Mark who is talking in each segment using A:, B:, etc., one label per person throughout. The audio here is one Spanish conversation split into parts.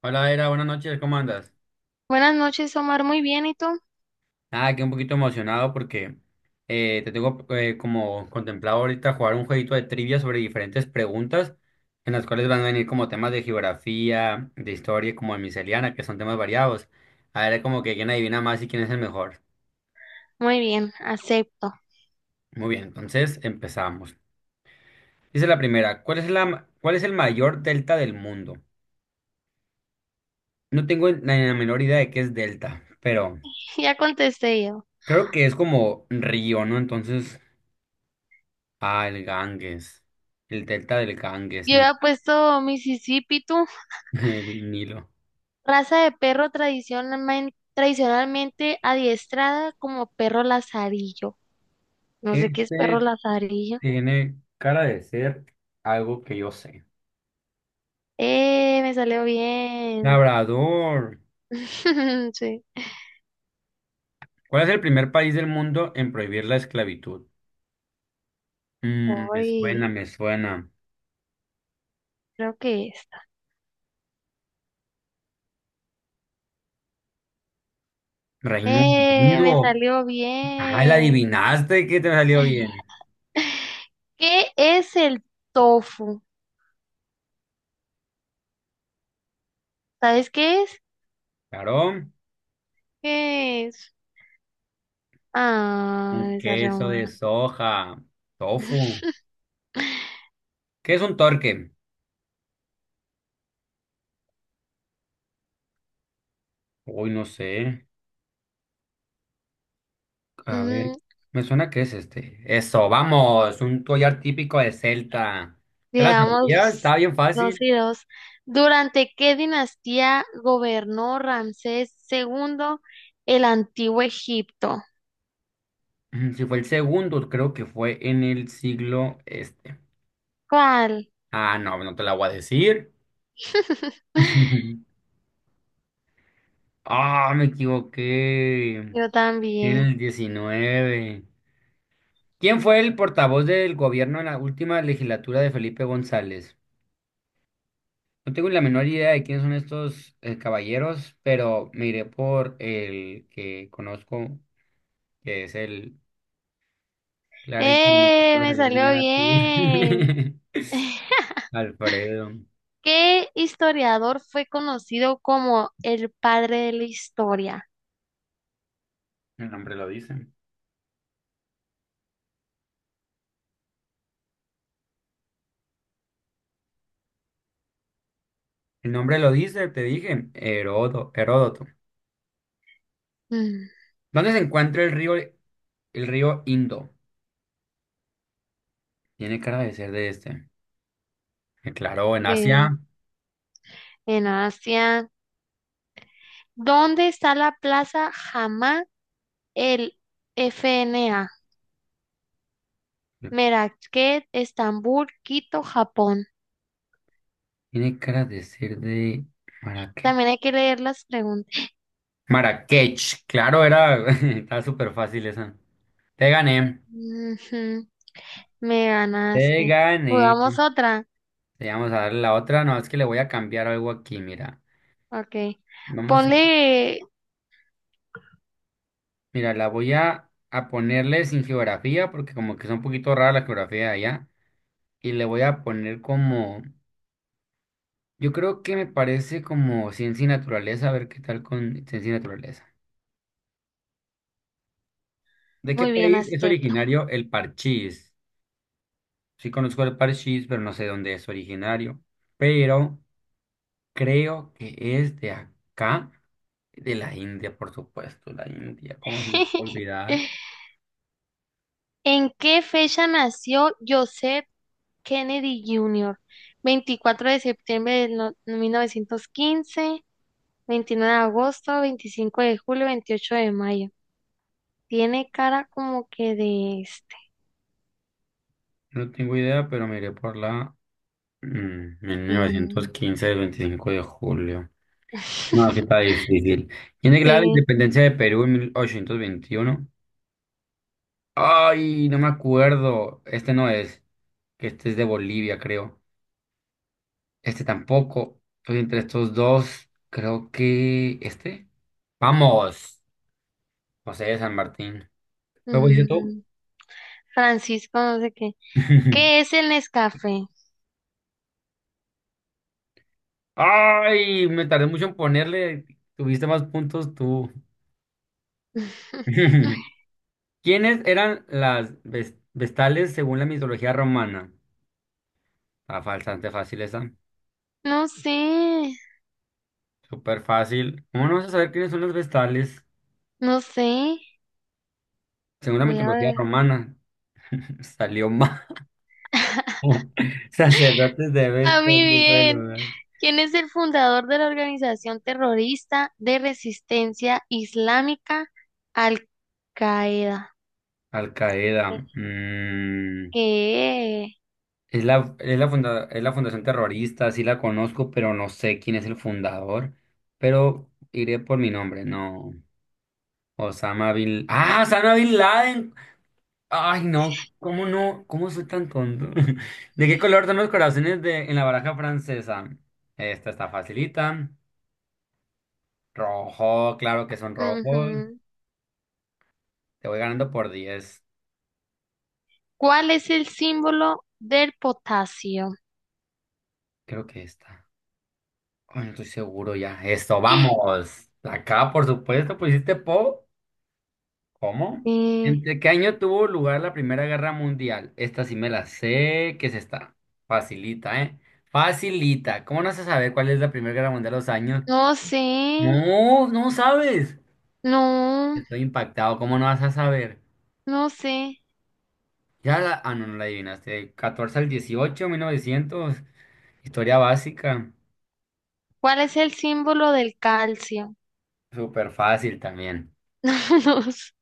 A: Hola, Era, buenas noches, ¿cómo andas?
B: Buenas noches, Omar. Muy bien, ¿y tú?
A: Ah, aquí un poquito emocionado porque te tengo como contemplado ahorita jugar un jueguito de trivia sobre diferentes preguntas en las cuales van a venir como temas de geografía, de historia, como de miscelánea, que son temas variados. A ver, como que quién adivina más y quién es el mejor.
B: Muy bien, acepto.
A: Muy bien, entonces empezamos. Dice la primera, cuál es el mayor delta del mundo? No tengo la menor idea de qué es delta, pero
B: Ya contesté yo.
A: creo que es como río, ¿no? Entonces, ah, el Ganges, el delta del Ganges,
B: Yo
A: ni,
B: había puesto Mississippi, tú.
A: el Nilo.
B: Raza de perro tradicionalmente adiestrada como perro lazarillo. No sé qué es perro
A: Este
B: lazarillo.
A: tiene cara de ser algo que yo sé.
B: ¡Eh! Me salió bien.
A: Labrador,
B: Sí.
A: ¿cuál es el primer país del mundo en prohibir la esclavitud? Me
B: Uy,
A: suena, me suena.
B: creo que esta.
A: Reino
B: ¡Eh! Me
A: Unido.
B: salió
A: Ah, la
B: bien.
A: adivinaste que te salió bien.
B: ¿Qué es el tofu? ¿Sabes qué es?
A: Claro,
B: ¿Qué es?
A: un
B: Ah, esa
A: queso de
B: Roma.
A: soja, tofu. ¿Qué es un torque? Uy, no sé. A ver,
B: Mm,
A: me suena que es este. Eso, vamos, un collar típico de Celta. ¿Te la sabías?
B: veamos
A: Estaba bien
B: dos
A: fácil.
B: y dos. ¿Durante qué dinastía gobernó Ramsés segundo el antiguo Egipto?
A: Si fue el segundo, creo que fue en el siglo este.
B: ¿Cuál?
A: Ah, no, no te la voy a decir. Ah, me equivoqué.
B: Yo
A: En
B: también.
A: el 19. ¿Quién fue el portavoz del gobierno en la última legislatura de Felipe González? No tengo la menor idea de quiénes son estos caballeros, pero me iré por el que conozco, que es el clarísimo que te
B: ¡Eh!
A: va a
B: Me
A: salir
B: salió
A: bien a ti.
B: bien.
A: Alfredo,
B: ¿Qué historiador fue conocido como el padre de la historia?
A: el nombre lo dice. El nombre lo dice, te dije, Herodo, Heródoto.
B: Mm,
A: ¿Dónde se encuentra el río Indo? Tiene cara de ser de este. Claro, en
B: sí,
A: Asia.
B: en Asia. ¿Dónde está la plaza el FNA, Merakech, Estambul, Quito, Japón?
A: Tiene cara de ser de Marrakech.
B: También hay que leer las preguntas.
A: Marrakech, claro, era. Está súper fácil esa. Te gané.
B: Ujú, me
A: Te
B: ganaste.
A: gané.
B: ¿Jugamos otra?
A: Te vamos a dar la otra. No, es que le voy a cambiar algo aquí, mira.
B: Ok.
A: Vamos a,
B: Ponle...
A: mira, la voy a ponerle sin geografía porque como que es un poquito rara la geografía de allá. Y le voy a poner como, yo creo que me parece como ciencia y naturaleza, a ver qué tal con ciencia y naturaleza. ¿De qué
B: Muy bien,
A: país es
B: acepto.
A: originario el parchís? Sí conozco el parchís, pero no sé dónde es originario. Pero creo que es de acá, de la India, por supuesto, la India, ¿cómo se me puede olvidar?
B: ¿En qué fecha nació Joseph Kennedy Jr.? 24 de septiembre de 1915, 29 de agosto, 25 de julio, 28 de mayo. Tiene cara como que de
A: No tengo idea, pero miré por la. Mm,
B: mm.
A: 1915, el 25 de julio. No, que está difícil. ¿Quién declara la
B: Sí.
A: independencia de Perú en 1821? Ay, no me acuerdo. Este no es. Este es de Bolivia, creo. Este tampoco. Estoy entre estos dos. Creo que este. Vamos. José de San Martín. ¿Cómo dices tú?
B: Mm, Francisco, no sé qué. ¿Qué es el Nescafé?
A: Ay, me tardé mucho en ponerle. Tuviste más puntos tú. ¿Quiénes eran las vestales según la mitología romana? Está bastante fácil esa.
B: No sé,
A: Súper fácil. ¿Cómo no vas a saber quiénes son las vestales
B: no sé.
A: según la
B: Voy a
A: mitología
B: ver.
A: romana? Salió mal. Sacerdotes de
B: A mí
A: Vestas, diosa del
B: bien.
A: hogar.
B: ¿Quién es el fundador de la organización terrorista de resistencia islámica Al-Qaeda?
A: Al Qaeda.
B: ¿Qué?
A: Es la, es la fundación terrorista, sí la conozco, pero no sé quién es el fundador. Pero iré por mi nombre, no. Osama Bin... ¡Ah! Osama Bin Laden. Ay, no, ¿cómo no? ¿Cómo soy tan tonto? ¿De qué color son los corazones de, en la baraja francesa? Esta está facilita. Rojo, claro que son rojos.
B: Ujú.
A: Te voy ganando por 10.
B: ¿Cuál es el símbolo del potasio?
A: Creo que esta. Ay, no estoy seguro ya. Esto, vamos. Acá, por supuesto, pusiste Po. ¿Cómo?
B: Sí.
A: ¿Entre qué año tuvo lugar la Primera Guerra Mundial? Esta sí me la sé. ¿Qué es esta? Facilita, ¿eh? Facilita. ¿Cómo no se sabe cuál es la Primera Guerra Mundial de los años?
B: No sé,
A: No, no sabes.
B: no,
A: Estoy impactado. ¿Cómo no vas a saber?
B: no sé.
A: Ya la... Ah, no, no la adivinaste. De 14 al 18, 1900. Historia básica.
B: ¿Cuál es el símbolo del calcio?
A: Súper fácil también.
B: No, sé,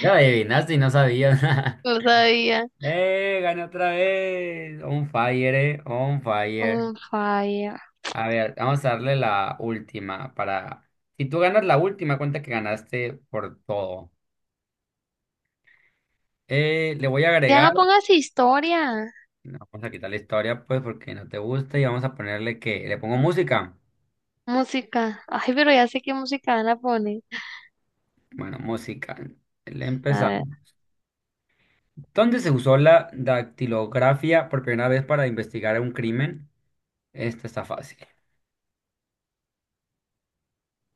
A: Ya la adivinaste y no sabías.
B: no sabía.
A: ¡Eh! Gané otra vez. On fire, eh. On fire.
B: Un falla.
A: A ver, vamos a darle la última para... Si tú ganas la última, cuenta que ganaste por todo. Le voy a
B: Ya
A: agregar...
B: no pongas historia.
A: No, vamos a quitar la historia, pues, porque no te gusta y vamos a ponerle que... Le pongo música.
B: Música. Ay, pero ya sé qué música van a poner.
A: Bueno, música. Le
B: A ver,
A: empezamos. ¿Dónde se usó la dactilografía por primera vez para investigar un crimen? Esta está fácil.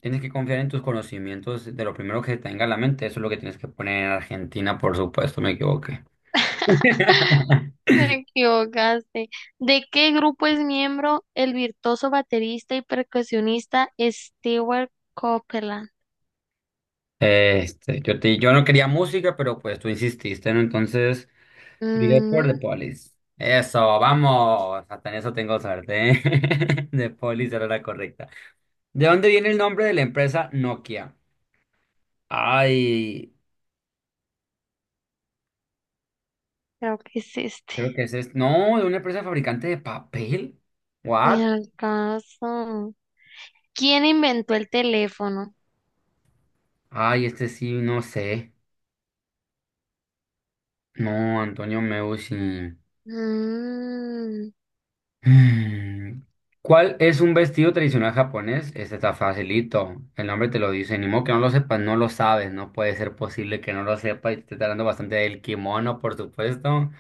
A: Tienes que confiar en tus conocimientos de lo primero que tenga en la mente. Eso es lo que tienes que poner en Argentina, por supuesto, me equivoqué.
B: me equivocaste. ¿De qué grupo es miembro el virtuoso baterista y percusionista Stewart Copeland?
A: Este, yo no quería música, pero pues tú insististe, ¿no? Entonces, diré por The
B: Mm,
A: Police. Eso, vamos. Hasta en eso tengo suerte. ¿Eh? The Police era la correcta. ¿De dónde viene el nombre de la empresa Nokia? Ay,
B: creo que es este.
A: creo que ese es. Este. No, de una empresa fabricante de papel. ¿What?
B: Ni al caso. ¿Quién inventó el teléfono?
A: Ay, este sí, no sé. No, Antonio Meucci.
B: Mm,
A: Mm. ¿Cuál es un vestido tradicional japonés? Este está facilito. El nombre te lo dice. Ni modo que no lo sepas, no lo sabes. No puede ser posible que no lo sepas. Y te está hablando bastante del kimono, por supuesto.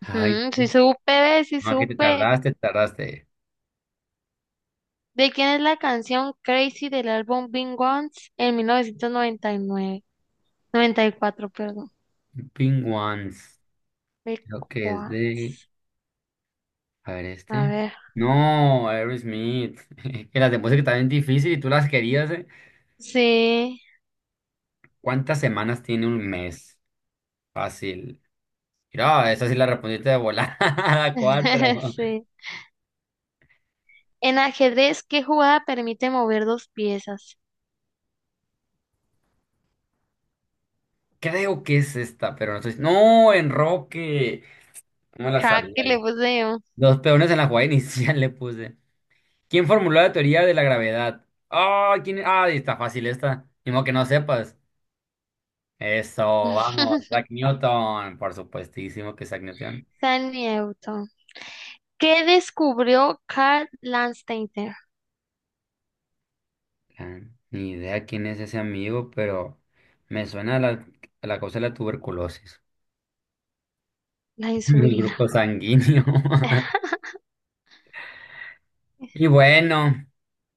A: Ay,
B: ujú, sí supe, sí
A: no, que te
B: supe.
A: tardaste, te tardaste.
B: ¿De quién es la canción Crazy del álbum Being Once en 1999? 94, perdón.
A: Pink Ones.
B: Being
A: Creo que es de.
B: Once.
A: A ver
B: A
A: este.
B: ver.
A: No, Aerosmith. Que las de música también difícil y tú las querías, ¿eh?
B: Sí.
A: ¿Cuántas semanas tiene un mes? Fácil. Mira, esa sí la respondiste de volada. 4.
B: Sí. En ajedrez, ¿qué jugada permite mover dos piezas?
A: Creo que es esta, pero no estoy... ¡no, enroque! ¿Cómo la
B: Ja,
A: sabía,
B: que le
A: eh?
B: puse yo.
A: Los peones en la jugada inicial le puse. ¿Quién formuló la teoría de la gravedad? ¡Ah! ¿Quién... Ah, está fácil esta. Ni modo que no sepas. Eso, vamos. Isaac Newton. Por supuestísimo que Isaac Newton.
B: San Newton. ¿Qué descubrió Carl Landsteiner?
A: Ah, ni idea quién es ese amigo, pero me suena a la cosa de la tuberculosis,
B: La
A: el
B: insulina.
A: grupo sanguíneo. Y bueno,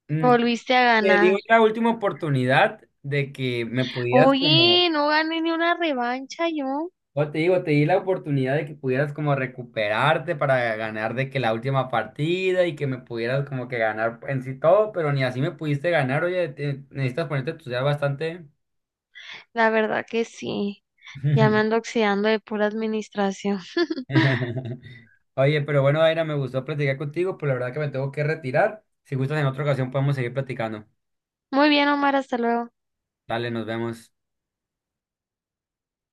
A: mm,
B: Volviste a
A: te
B: ganar.
A: digo la última oportunidad de que me pudieras como,
B: Oye, no gané ni una revancha yo.
A: o te digo, te di la oportunidad de que pudieras como recuperarte para ganar de que la última partida y que me pudieras como que ganar en sí todo, pero ni así me pudiste ganar, oye, te- necesitas ponerte a estudiar bastante.
B: La verdad que sí. Ya me ando oxidando de pura administración.
A: Oye, pero bueno, Aira, me gustó platicar contigo, pero la verdad que me tengo que retirar. Si gustas, en otra ocasión podemos seguir platicando.
B: Muy bien, Omar, hasta luego.
A: Dale, nos vemos.